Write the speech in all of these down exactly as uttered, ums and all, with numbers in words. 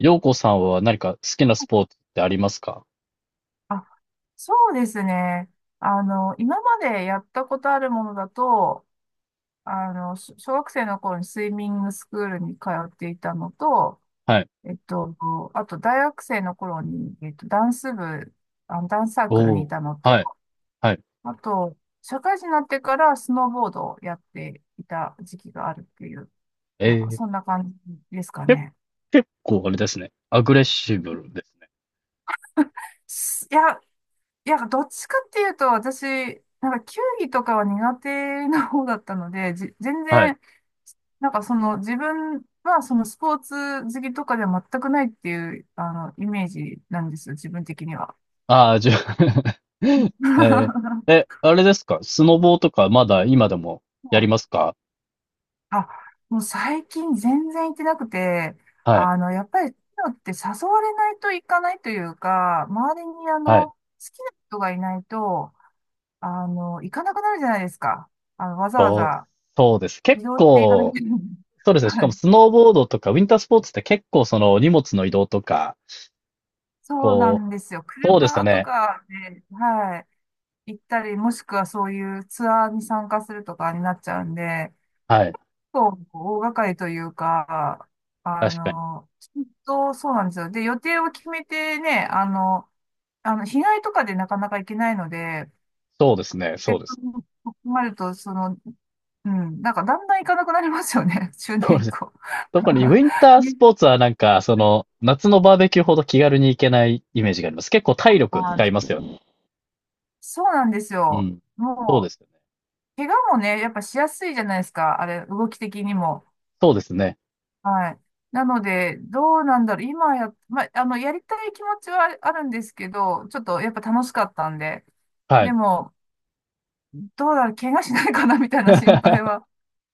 陽子さんは何か好きなスポーツってありますか？あそうですね。あの、今までやったことあるものだと、あの、し小学生の頃にスイミングスクールに通っていたのと、はい。えっと、あと大学生の頃に、えっと、ダンス部、あの、ダンスサークルおにいお。たのと、はい。はい。あと、社会人になってからスノーボードをやっていた時期があるっていう、えなんー、か結そんな感じですかね。構あれですね。アグレッシブルですね。すいや、いや、どっちかっていうと、私、なんか球技とかは苦手な方だったので、じ、全はい。然、なんかその自分はそのスポーツ好きとかでは全くないっていう、あの、イメージなんですよ、自分的には。ああ、じゃあ えー、はえ、あれですかスノボーとかまだ今でもやりい。ますか？あ、もう最近全然行ってなくて、はい。あの、やっぱり、そういうのって誘われないと行かないというか、周りにあはい。の、好きな人がいないと、あの、行かなくなるじゃないですか。あの、わざわそう、ざそうです。移結動していかなき構、ゃいけない。そうですね。しはかもい。スノーボードとかウィンタースポーツって結構その荷物の移動とか、そうなこんですよ。う、そうです車とね。かで、はい、行ったり、もしくはそういうツアーに参加するとかになっちゃうんで、はい。そう、大掛かりというか、あ確かに。の、きっとそうなんですよ。で、予定を決めてね、あの、あの、日帰りとかでなかなか行けないので、そうですね。せそっうでかす。く困ると、その、うん、なんかだんだん行かなくなりますよね、中そう年で以す。降。特にウィン タースね、ポーツはなんか、その、夏のバーベキューほど気軽に行けないイメージがあります。結構体力あ、使いますよね。そうなんですうよ。ん。そうでもすう、よね。怪我もね、やっぱしやすいじゃないですか。あれ、動き的にも。そうですね。はい。なので、どうなんだろう。今や、まあ、あの、やりたい気持ちはあるんですけど、ちょっとやっぱ楽しかったんで。はでい。も、どうだろう、怪我しないかなみたいな心配 は、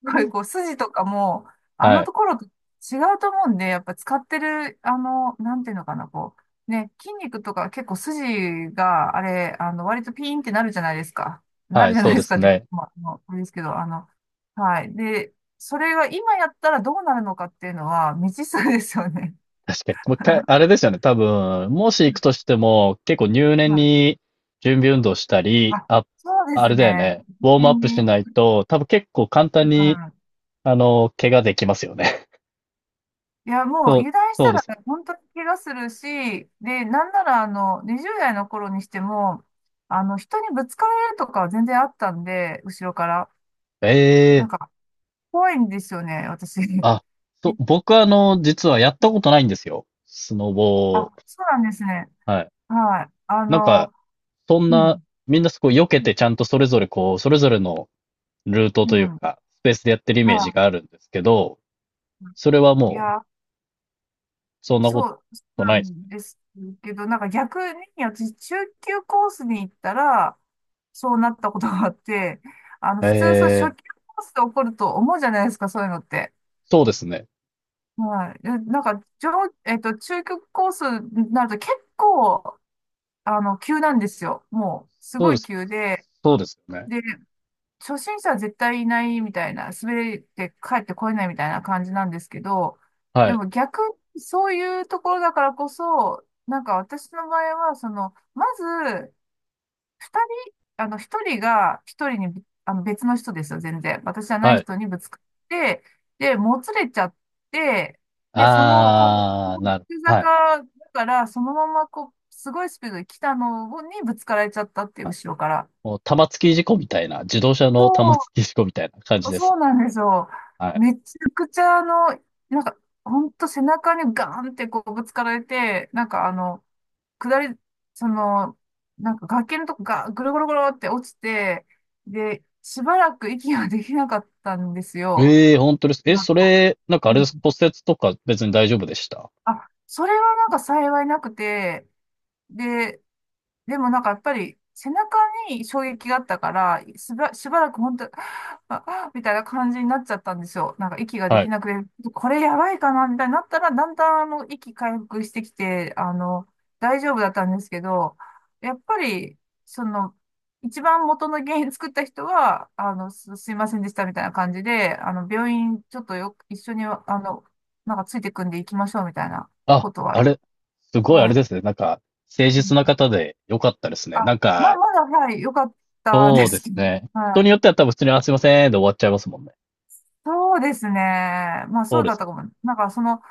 すごいこう、筋とかも、あはのい。ところと違うと思うんで、やっぱ使ってる、あの、なんていうのかな、こう、ね、筋肉とか結構筋が、あれ、あの、割とピーンってなるじゃないですか。なはるい、じゃなそういでですかすって、ね。まあ、あの、あれですけど、あの、はい。で、それが今やったらどうなるのかっていうのは未知数ですよね。確かに。もう一回、あれですよね。多分、もし行くとしても、結構入念まに準備運動したあ、り、あ、あ、そうであすれだよね。ね。本ウォー当ムアップしに。ないと、多分結構簡う単ん。に、あの、怪我できますよね。いや、もうそう、油断しそうたでらす。本当に怪我するし、で、なんならあの、にじゅう代の頃にしても、あの、人にぶつかられるとかは全然あったんで、後ろから。えなんえ、か、怖いんですよね、私。あ、そい、う、僕はあの、実はやったことないんですよ、スノボあ、を。そうなんですね。はい。はい。あなんか、の、そんうな、ん。みんなすごい避けてちゃんとそれぞれこう、それぞれのルートうというん。か、スペースでやってるイメージはがあるんですけど、それはい。いもう、や、そんなそこう、そとうないなですんですけど、なんか逆に私、中級コースに行ったら、そうなったことがあって、あの、ね。普通、そう、初えー、級コースで起こると思うじゃないですか、そういうのって。そうですね。はい。でなんか、上、えっと、中級コースになると結構、あの、急なんですよ。もう、すそうごでいす。急で、そうですよね。で、初心者は絶対いないみたいな、滑って帰ってこれないみたいな感じなんですけど、はでい。も逆にそういうところだからこそ、なんか私の場合は、その、まず、二人、あの、一人が一人にぶ、あの、別の人ですよ、全然。私じゃないはい。人にぶつかって、で、もつれちゃって、で、その、こう、あー、なる。急はい。坂だから、そのまま、こう、すごいスピードで来たのにぶつかられちゃったっていう、はい。後ろから。もう玉突き事故みたいな、自動車のそ玉突き事故みたいな感じう、でそす。うなんですよ。はい。めちゃくちゃ、あの、なんか、ほんと背中にガーンってこうぶつかられて、なんかあの、下り、その、なんか崖のとこがぐるぐるぐるって落ちて、で、しばらく息ができなかったんですよ。ええ、本当です。え、なんそか。れ、なんかあうれん。です。骨折とか別に大丈夫でした？あ、それはなんか幸いなくて、で、でもなんかやっぱり背中に衝撃があったから、しば、しばらく本当、あ、あみたいな感じになっちゃったんですよ。なんか息がではきい。なくて、これやばいかなみたいになったら、だんだんあの息回復してきて、あの、大丈夫だったんですけど、やっぱり、その、一番元の原因作った人は、あの、す、すいませんでしたみたいな感じで、あの、病院ちょっとよ、一緒に、あの、なんかついてくんで行きましょうみたいなあ、ことは、あれ、すごいあはれい。ですね。なんか、誠う実なん。方で良かったですね。あ、なんまあ、か、まだ、はい、良かったそでうですすけど。ね。は人い。によっては多分普通に、あ、すいません、で終わっちゃいますもんね。そうですね。まあ、そうそうでだっすたよ。かも。なんか、その、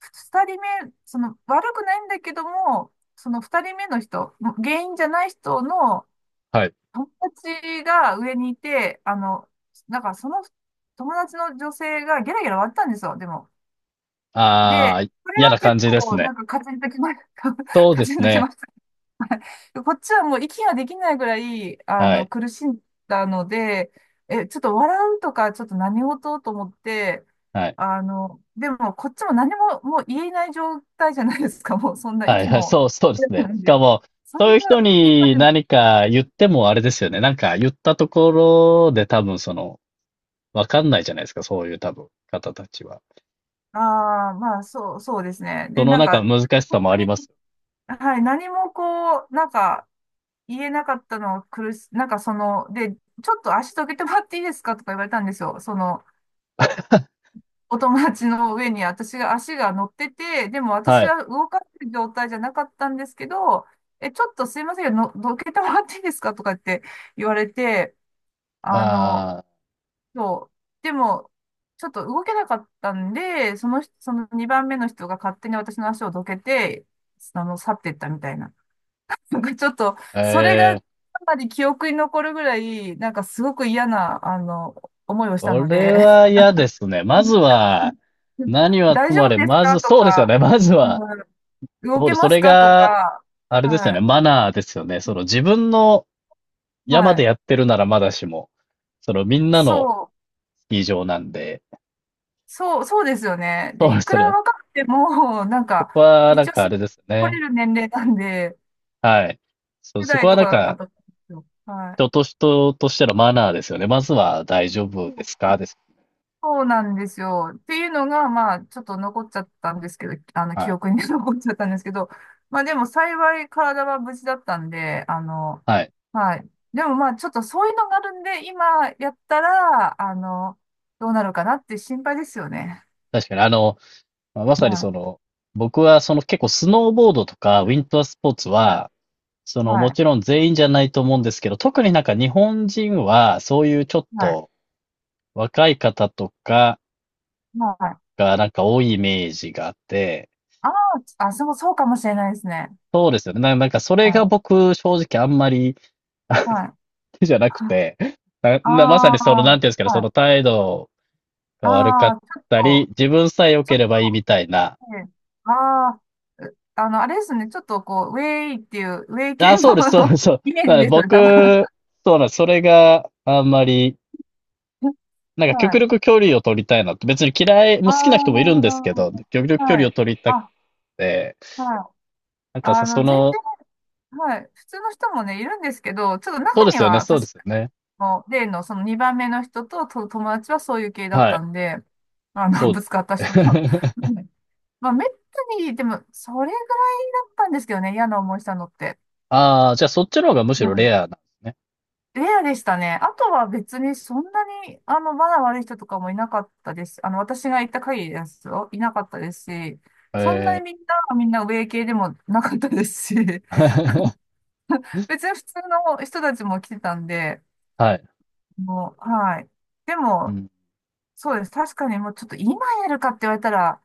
二人目、その、悪くないんだけども、その二人目の人、原因じゃない人のはい。友達が上にいて、あの、なんか、その友達の女性がゲラゲラ割ったんですよ、でも。あで、あ、これ嫌はな感結じです構、ね。なんか、カチンときま、そうカでチすンときね。まし。こっちはもう息ができないぐらい、あはの、い。苦しんだので、え、ちょっと笑うとか、ちょっと何事と思って、はい。あの、でも、こっちも何ももう言えない状態じゃないですか、もう、そんなはい、息はい、も。そう、そうですなね。んしかで、も、そそうれいう人が、今にでも、何か言ってもあれですよね。なんか言ったところで多分その、わかんないじゃないですか、そういう多分方たちは。ああ、まあ、そう、そうですね。そで、のなんか、中の難しさ本もあ当りまに、す。はい、何もこう、なんか、言えなかったのは苦し、なんかその、で、ちょっと足どけてもらっていいですかとか言われたんですよ。その、お友達の上に私が足が乗ってて、でも私はい。は動かせる状態じゃなかったんですけど、え、ちょっとすいませんけど、のどけてもらっていいですかとかって言われて、あの、あそう。でも、ちょっと動けなかったんで、その人、そのにばんめの人が勝手に私の足をどけて、あの、去っていったみたいな。なんかちょっと、あ、それえがかえ、なり記憶に残るぐらい、なんかすごく嫌な、あの、思いをしたそのれで、は嫌ですね。まずは、何はと大も丈あ夫れ、ですまず、かとそうですよか、ね。まずうは、ん、動そうけです。そますれかとが、か、あれですよはね。い。マナーですよね。その自分の山はでい。やってるならまだしも、そのみんなそのう、スキー場なんで、そう、そうですよね。そで、うでいくすらね。若くても、なんそか、こはな一ん応、かあれです来ね。れる年齢なんで、はい。そう、じゅうそこ代はとなんかだったか、と思うんですよ。はい。人と人としてのマナーですよね。まずは大丈夫そでうすかです。そうなんですよ。っていうのが、まあ、ちょっと残っちゃったんですけど、あの、記はい。憶に 残っちゃったんですけど、まあでも幸い体は無事だったんで、あの、はい。はい。でもまあ、ちょっとそういうのがあるんで、今やったら、あの、どうなるかなって心配ですよね。確かに、あの、まあ、まはさにそい。の、僕はその結構スノーボードとかウィンタースポーツはは、い。そのはもい。ちろん全員じゃないと思うんですけど、特になんか日本人はそういうちょっはい。と若い方とかはい。がなんか多いイメージがあって、ああ、あ、そう、そうかもしれないですね。そうですよね。ななんかそれはがい。僕正直あんまりはい。手じゃなくて、なああ、なまさにそのなんていうんですかね、そはい。の態度あが悪かっあ、ちょったり、と、自分さえ良ちょけっればいいみとたいな。ええ。ああ、う、あの、あれですね。ちょっとこう、ウェイっていう、ウェイ系あ、そうです、そうでの す、そう。イメーだかジらですよね、多分。僕、そうなんです、それがあんまり なんかは極い。力距離を取りたいなって、別に嫌い、もあう好きな人もいるんですけど、極力あ、距離はをい。取りたくあ、て、はい。なんかあさ、その、全の、然、はい。普通の人もね、いるんですけど、ちょっとそう中でにすよね、は、そう確ですよかね。の例のそのにばんめの人と、と友達はそういう系だっはたい、んで、あその、うぶでつかった人すの。よはね。い。まあ、めったに、でも、それぐらいだったんですけどね、嫌な思いしたのって。ああ、じゃあそっちの方がむしうろレん。アなんですね。レアでしたね。あとは別にそんなに、あの、マナー悪い人とかもいなかったです。あの、私が行った限りですよ。いなかったですし、そんなにえみんな、みんな上系でもなかったですし、ー 別に普通の人たちも来てたんで、はい、もう、はい。でうも、ん、そうです。確かにもうちょっと今やるかって言われたら、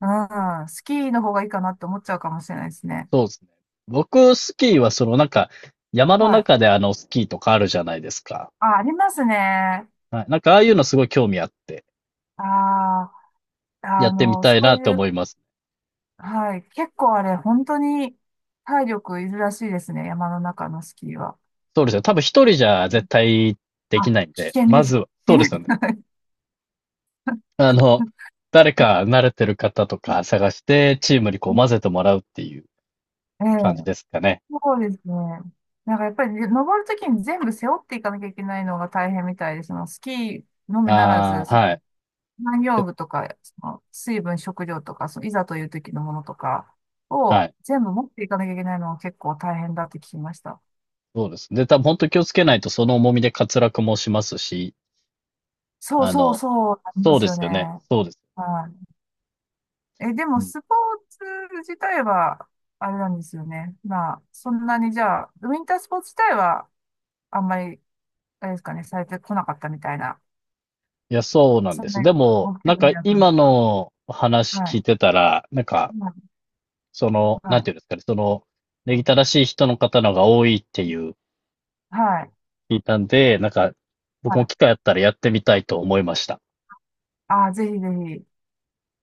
うん、スキーの方がいいかなって思っちゃうかもしれないですね。そうですね。僕、スキーはそのなんか、山のはい。中であの、スキーとかあるじゃないですか。あ、ありますね。はい、なんかああいうのすごい興味あって、ああ、やあってみの、たそいなうってい思ういます。はい。結構あれ、本当に体力いるらしいですね。山の中のスキーは。そうですよ。多分一人じゃ絶対であ、きないん危で、険でます。ずは、そ危うで険すでよね。す。あの、誰か慣れてる方とか探して、チームにこう混 ぜてもらうっていうええ、感じですかね。そうですね。なんかやっぱり登るときに全部背負っていかなきゃいけないのが大変みたいです。そのスキーのみならず、ああ、そはい。の農で、業具とか、その水分、食料とか、そのいざという時のものとかはをい。全部持っていかなきゃいけないのが結構大変だって聞きました。そうですね。で、多分本当気をつけないとその重みで滑落もしますし、そうあそうの、そうなんでそうすでよすね。よね。そうです。はい。え、でうも、ん。スポーツ自体は、あれなんですよね。まあ、そんなにじゃあ、ウィンタースポーツ自体は、あんまり、あれですかね、されてこなかったみたいな、いや、そうなんそでんす。なにでも、ごなん興味かなく、今の話は聞いい。てたら、なんか、はい。その、なはんてい。いうんですかね、その、礼儀正しい人の方の方が多いっていうはい。聞いたんで、なんか、は僕もい。機会あったらやってみたいと思いました。ああ、ぜひぜひ。